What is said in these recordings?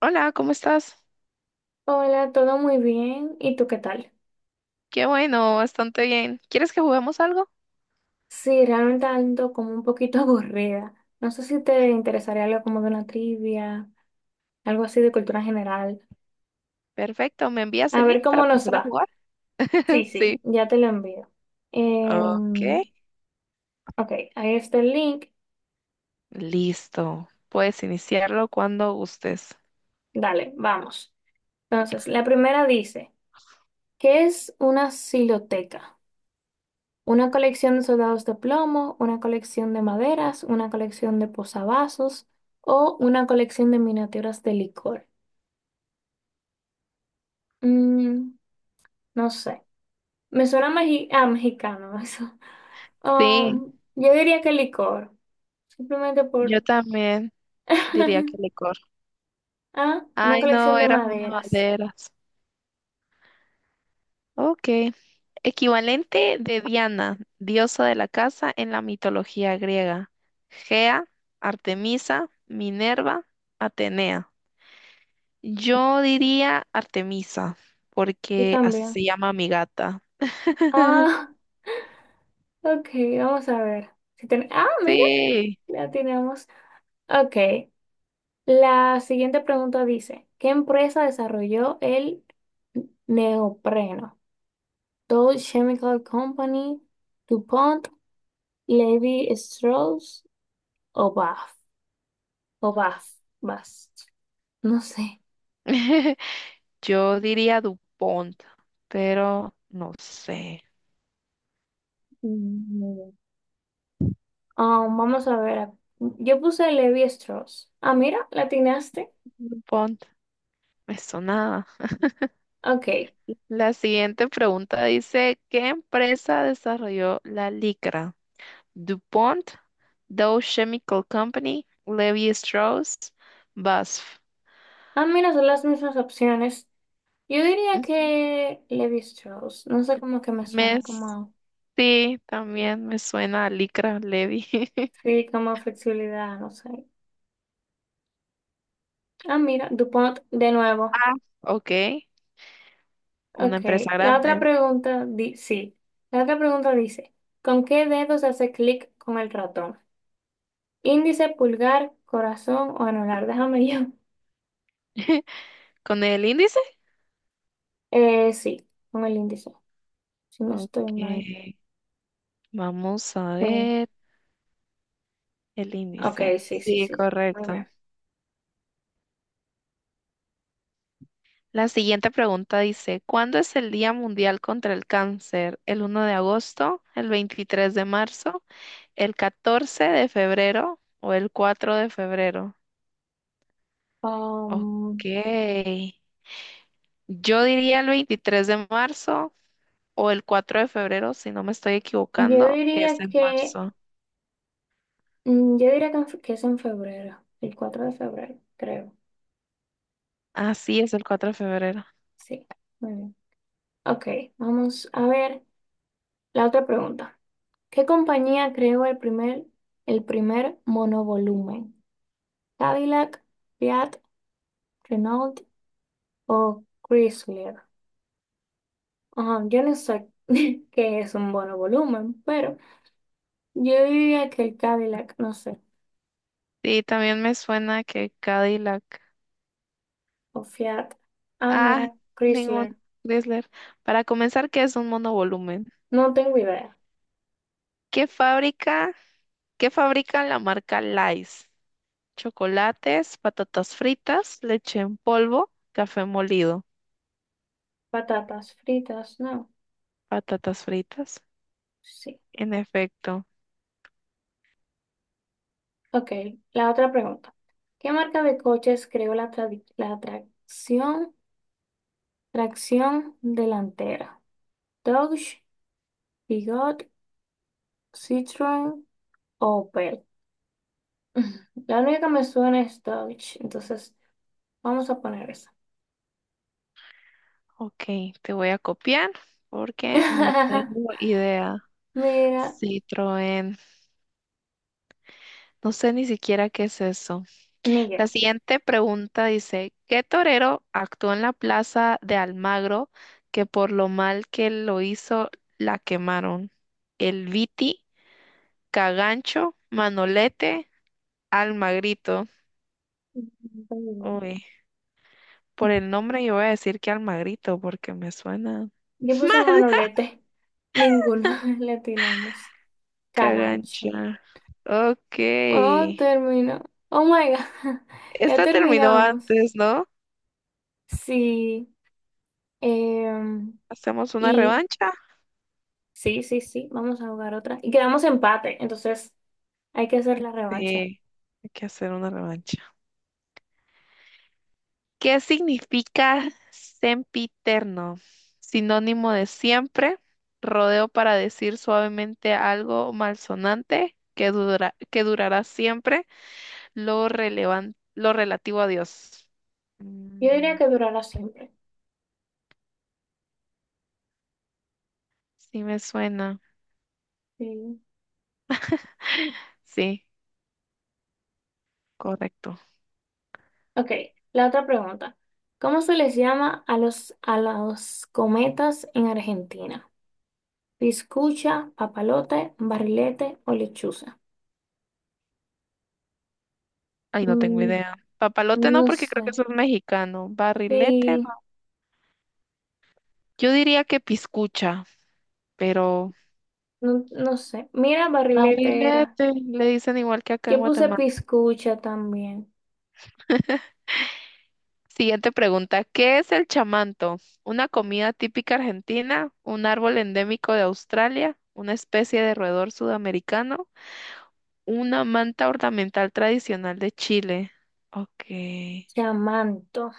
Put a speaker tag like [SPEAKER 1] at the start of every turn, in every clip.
[SPEAKER 1] Hola, ¿cómo estás?
[SPEAKER 2] Hola, todo muy bien. ¿Y tú qué tal?
[SPEAKER 1] Qué bueno, bastante bien. ¿Quieres que juguemos algo?
[SPEAKER 2] Sí, realmente ando como un poquito aburrida. No sé si te interesaría algo como de una trivia, algo así de cultura general.
[SPEAKER 1] Perfecto, ¿me envías
[SPEAKER 2] A
[SPEAKER 1] el link
[SPEAKER 2] ver
[SPEAKER 1] para
[SPEAKER 2] cómo nos
[SPEAKER 1] empezar a
[SPEAKER 2] va.
[SPEAKER 1] jugar?
[SPEAKER 2] Sí, sí,
[SPEAKER 1] Sí.
[SPEAKER 2] ya te lo envío.
[SPEAKER 1] Ok,
[SPEAKER 2] Em, ok, ahí está el link.
[SPEAKER 1] listo. Puedes iniciarlo cuando gustes.
[SPEAKER 2] Dale, vamos. Entonces, la primera dice, ¿qué es una siloteca? Una colección de soldados de plomo, una colección de maderas, una colección de posavasos o una colección de miniaturas de licor. Mm, no sé. Me suena ah, mexicano eso.
[SPEAKER 1] Sí,
[SPEAKER 2] Yo diría que licor. Simplemente
[SPEAKER 1] yo
[SPEAKER 2] por...
[SPEAKER 1] también diría que licor.
[SPEAKER 2] Ah, una
[SPEAKER 1] Ay, no,
[SPEAKER 2] colección de
[SPEAKER 1] eran una
[SPEAKER 2] maderas.
[SPEAKER 1] banderas. Ok. Equivalente de Diana, diosa de la casa en la mitología griega. Gea, Artemisa, Minerva, Atenea. Yo diría Artemisa,
[SPEAKER 2] Yo
[SPEAKER 1] porque así
[SPEAKER 2] también.
[SPEAKER 1] se llama mi gata.
[SPEAKER 2] Ah, ok, vamos a ver. Si ten- Ah, mira,
[SPEAKER 1] Sí.
[SPEAKER 2] la tenemos. Ok, la siguiente pregunta dice, ¿qué empresa desarrolló el neopreno? Dow Chemical Company, DuPont, Levi Strauss o Bath? O vas, vas. No sé.
[SPEAKER 1] Yo diría DuPont, pero no sé.
[SPEAKER 2] Mm, ah, vamos a ver. Yo puse Levi Strauss. Ah, mira, la atinaste.
[SPEAKER 1] DuPont, me sonaba.
[SPEAKER 2] Ok.
[SPEAKER 1] La siguiente pregunta dice, ¿qué empresa desarrolló la licra? DuPont, Dow Chemical Company, Levi Strauss, BASF.
[SPEAKER 2] Ah, mira, son las mismas opciones. Yo diría
[SPEAKER 1] Ujú.
[SPEAKER 2] que Levi Strauss. No sé cómo que me
[SPEAKER 1] Me,
[SPEAKER 2] suena, como.
[SPEAKER 1] sí, también me suena a licra, Levi.
[SPEAKER 2] Sí, como flexibilidad, no sé. Ah, mira, DuPont de nuevo.
[SPEAKER 1] Ah, ok. Una
[SPEAKER 2] Ok.
[SPEAKER 1] empresa
[SPEAKER 2] La otra
[SPEAKER 1] grande.
[SPEAKER 2] pregunta, di sí. La otra pregunta dice: ¿con qué dedos hace clic con el ratón? ¿Índice, pulgar, corazón o anular? Déjame yo.
[SPEAKER 1] ¿Con el índice?
[SPEAKER 2] Sí, con el índice, si no
[SPEAKER 1] Ok,
[SPEAKER 2] estoy mal.
[SPEAKER 1] vamos a
[SPEAKER 2] Sí.
[SPEAKER 1] ver el
[SPEAKER 2] Ok,
[SPEAKER 1] índice.
[SPEAKER 2] sí, sí, sí,
[SPEAKER 1] Sí,
[SPEAKER 2] sí. Muy
[SPEAKER 1] correcto.
[SPEAKER 2] bien.
[SPEAKER 1] La siguiente pregunta dice, ¿cuándo es el Día Mundial contra el Cáncer? ¿El 1 de agosto, el 23 de marzo, el 14 de febrero o el 4 de febrero? Ok,
[SPEAKER 2] Um,
[SPEAKER 1] yo diría el 23 de marzo o el 4 de febrero, si no me estoy
[SPEAKER 2] yo
[SPEAKER 1] equivocando, es
[SPEAKER 2] diría
[SPEAKER 1] en
[SPEAKER 2] que,
[SPEAKER 1] marzo.
[SPEAKER 2] mm, yo diría que, que es en febrero, el cuatro de febrero, creo.
[SPEAKER 1] Así es el 4 de febrero.
[SPEAKER 2] Sí, muy bien. Ok, vamos a ver la otra pregunta. ¿Qué compañía creó el primer monovolumen? ¿Cadillac, Fiat, Renault o Chrysler? Ajá, yo no sé qué es un monovolumen, pero... Yo diría que el Cadillac, no sé,
[SPEAKER 1] Y también me suena que Cadillac.
[SPEAKER 2] o Fiat. Ah,
[SPEAKER 1] Ah,
[SPEAKER 2] mira,
[SPEAKER 1] ningún
[SPEAKER 2] Chrysler.
[SPEAKER 1] Chrysler. Para comenzar, ¿qué es un monovolumen?
[SPEAKER 2] No tengo idea.
[SPEAKER 1] ¿Qué fábrica? ¿Qué fabrica la marca Lays? Chocolates, patatas fritas, leche en polvo, café molido.
[SPEAKER 2] Patatas fritas, no.
[SPEAKER 1] Patatas fritas.
[SPEAKER 2] Sí.
[SPEAKER 1] En efecto.
[SPEAKER 2] Ok, la otra pregunta. ¿Qué marca de coches creó la, tradi- la tracción, tracción delantera? Dodge, Peugeot, Citroën o Opel. La única que me suena es Dodge, entonces vamos a poner esa.
[SPEAKER 1] Ok, te voy a copiar porque no tengo idea.
[SPEAKER 2] Mira,
[SPEAKER 1] Citroën. No sé ni siquiera qué es eso.
[SPEAKER 2] ni yo.
[SPEAKER 1] La siguiente pregunta dice, ¿qué torero actuó en la plaza de Almagro que por lo mal que lo hizo la quemaron? El Viti, Cagancho, Manolete, Almagrito. Uy, por el nombre yo voy a decir que Almagrito porque me suena
[SPEAKER 2] Yo puse
[SPEAKER 1] mal.
[SPEAKER 2] manolete. Ninguno le atinamos. Cagancho.
[SPEAKER 1] Cagancha. Ok.
[SPEAKER 2] Oh, terminó. Oh my God. Ya
[SPEAKER 1] Esta terminó
[SPEAKER 2] terminamos.
[SPEAKER 1] antes, ¿no?
[SPEAKER 2] Sí. em,
[SPEAKER 1] ¿Hacemos una
[SPEAKER 2] y
[SPEAKER 1] revancha?
[SPEAKER 2] sí, sí, sí. Vamos a jugar otra. Y quedamos empate. Entonces hay que hacer la
[SPEAKER 1] Sí,
[SPEAKER 2] revancha.
[SPEAKER 1] hay que hacer una revancha. ¿Qué significa sempiterno? Sinónimo de siempre, rodeo para decir suavemente algo malsonante que durará siempre, lo relativo a Dios.
[SPEAKER 2] Yo diría
[SPEAKER 1] Mm,
[SPEAKER 2] que durará siempre.
[SPEAKER 1] sí me suena.
[SPEAKER 2] Sí.
[SPEAKER 1] Sí, correcto.
[SPEAKER 2] Ok. La otra pregunta. ¿Cómo se les llama a a los cometas en Argentina? ¿Piscucha, papalote, barrilete o lechuza?
[SPEAKER 1] Ay, no tengo
[SPEAKER 2] Mm,
[SPEAKER 1] idea. Papalote no,
[SPEAKER 2] no
[SPEAKER 1] porque creo que
[SPEAKER 2] sé.
[SPEAKER 1] eso es mexicano. Barrilete
[SPEAKER 2] Sí,
[SPEAKER 1] no. Yo diría que piscucha, pero
[SPEAKER 2] no, no sé. Mira, barrilete era.
[SPEAKER 1] barrilete le dicen igual que acá en
[SPEAKER 2] Yo puse
[SPEAKER 1] Guatemala.
[SPEAKER 2] piscucha también.
[SPEAKER 1] Siguiente pregunta. ¿Qué es el chamanto? ¿Una comida típica argentina? ¿Un árbol endémico de Australia? ¿Una especie de roedor sudamericano? ¿Una manta ornamental tradicional de Chile? Ok.
[SPEAKER 2] Chamanto.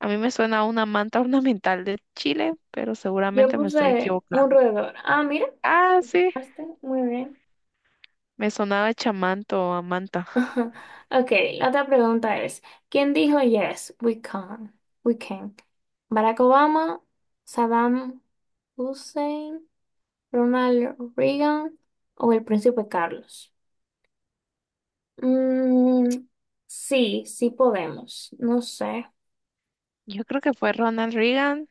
[SPEAKER 1] A mí me suena a una manta ornamental de Chile, pero
[SPEAKER 2] Yo
[SPEAKER 1] seguramente me estoy
[SPEAKER 2] puse un
[SPEAKER 1] equivocando.
[SPEAKER 2] roedor. Ah, mira.
[SPEAKER 1] Ah, sí.
[SPEAKER 2] Hazte, muy bien.
[SPEAKER 1] Me sonaba chamanto o a manta.
[SPEAKER 2] Ok, la otra pregunta es, ¿quién dijo yes, we can? We can. Barack Obama, Saddam Hussein, Ronald Reagan o el príncipe Carlos. Mm, sí, sí podemos. No sé.
[SPEAKER 1] Yo creo que fue Ronald Reagan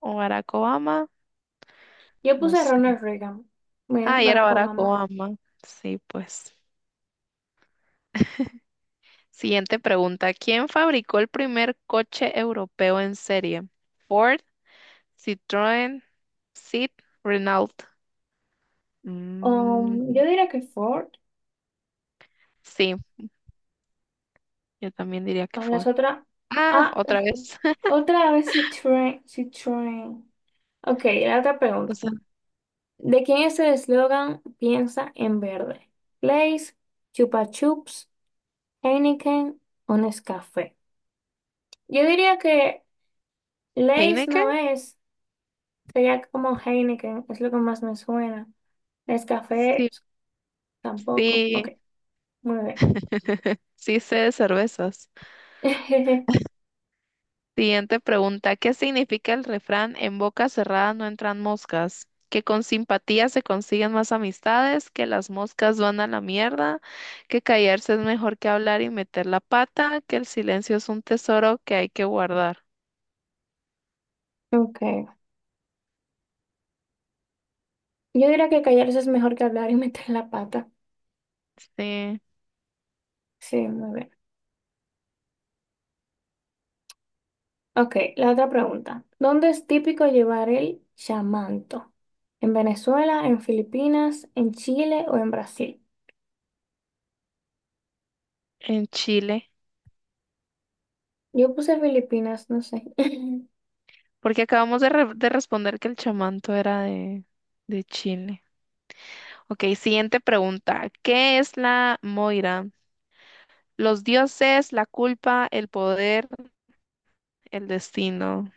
[SPEAKER 1] o Barack Obama.
[SPEAKER 2] Yo
[SPEAKER 1] No
[SPEAKER 2] puse
[SPEAKER 1] sé.
[SPEAKER 2] Ronald Reagan. Mira,
[SPEAKER 1] Ah, y era
[SPEAKER 2] Barack
[SPEAKER 1] Barack
[SPEAKER 2] Obama.
[SPEAKER 1] Obama. Sí, pues. Siguiente pregunta. ¿Quién fabricó el primer coche europeo en serie? Ford, Citroën, Seat, Renault. Mm,
[SPEAKER 2] Yo diría que Ford.
[SPEAKER 1] sí, yo también diría que
[SPEAKER 2] Ah,
[SPEAKER 1] Ford.
[SPEAKER 2] las otras.
[SPEAKER 1] Ah,
[SPEAKER 2] Ah,
[SPEAKER 1] otra vez.
[SPEAKER 2] otra vez Citroën. Citroën. Ok, la otra
[SPEAKER 1] O
[SPEAKER 2] pregunta.
[SPEAKER 1] sea,
[SPEAKER 2] ¿De quién es el eslogan Piensa en verde? Lays, Chupa Chups, Heineken o Nescafé. Yo diría que Lays no
[SPEAKER 1] Heineken.
[SPEAKER 2] es. Sería como Heineken, es lo que más me suena. Nescafé
[SPEAKER 1] Sí,
[SPEAKER 2] tampoco. Ok,
[SPEAKER 1] sí,
[SPEAKER 2] muy
[SPEAKER 1] sí sé de cervezas.
[SPEAKER 2] bien.
[SPEAKER 1] Siguiente pregunta. ¿Qué significa el refrán en boca cerrada no entran moscas? Que con simpatía se consiguen más amistades, que las moscas van a la mierda, que callarse es mejor que hablar y meter la pata, que el silencio es un tesoro que hay que guardar.
[SPEAKER 2] Ok. Yo diría que callarse es mejor que hablar y meter la pata.
[SPEAKER 1] Sí,
[SPEAKER 2] Sí, muy bien. Ok, la otra pregunta. ¿Dónde es típico llevar el chamanto? ¿En Venezuela, en Filipinas, en Chile o en Brasil?
[SPEAKER 1] en Chile.
[SPEAKER 2] Yo puse Filipinas, no sé.
[SPEAKER 1] Porque acabamos de responder que el chamanto era de Chile. Ok, siguiente pregunta. ¿Qué es la Moira? Los dioses, la culpa, el poder, el destino.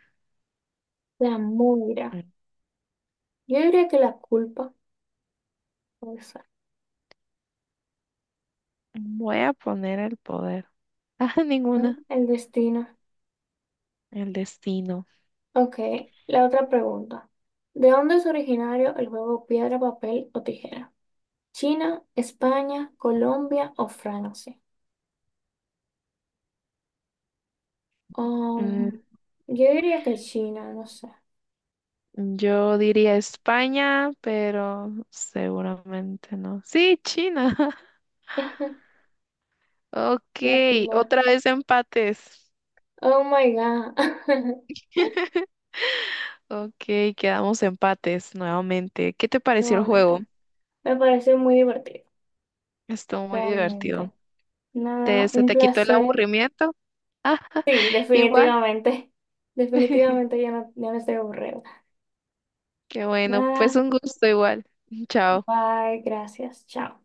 [SPEAKER 2] La muira.
[SPEAKER 1] Mm.
[SPEAKER 2] Yo diría que la culpa puede ser,
[SPEAKER 1] Voy a poner el poder. Ah,
[SPEAKER 2] ¿no?
[SPEAKER 1] ninguna.
[SPEAKER 2] El destino.
[SPEAKER 1] El destino.
[SPEAKER 2] Ok, la otra pregunta. ¿De dónde es originario el juego piedra, papel o tijera? ¿China, España, Colombia o Francia?
[SPEAKER 1] Mm,
[SPEAKER 2] Um, yo diría que China, no sé.
[SPEAKER 1] yo diría España, pero seguramente no. Sí, China. Ok,
[SPEAKER 2] Latina.
[SPEAKER 1] otra vez empates.
[SPEAKER 2] Oh my God.
[SPEAKER 1] Ok, quedamos empates nuevamente. ¿Qué te pareció el juego?
[SPEAKER 2] Nuevamente. Me pareció muy divertido,
[SPEAKER 1] Estuvo muy divertido.
[SPEAKER 2] realmente.
[SPEAKER 1] ¿
[SPEAKER 2] Nada,
[SPEAKER 1] se
[SPEAKER 2] un
[SPEAKER 1] te quitó el
[SPEAKER 2] placer.
[SPEAKER 1] aburrimiento? Ah,
[SPEAKER 2] Sí,
[SPEAKER 1] igual.
[SPEAKER 2] definitivamente. Definitivamente ya no, ya no estoy aburrida.
[SPEAKER 1] Qué bueno, pues
[SPEAKER 2] Nada,
[SPEAKER 1] un gusto igual. Chao.
[SPEAKER 2] bye, gracias, chao.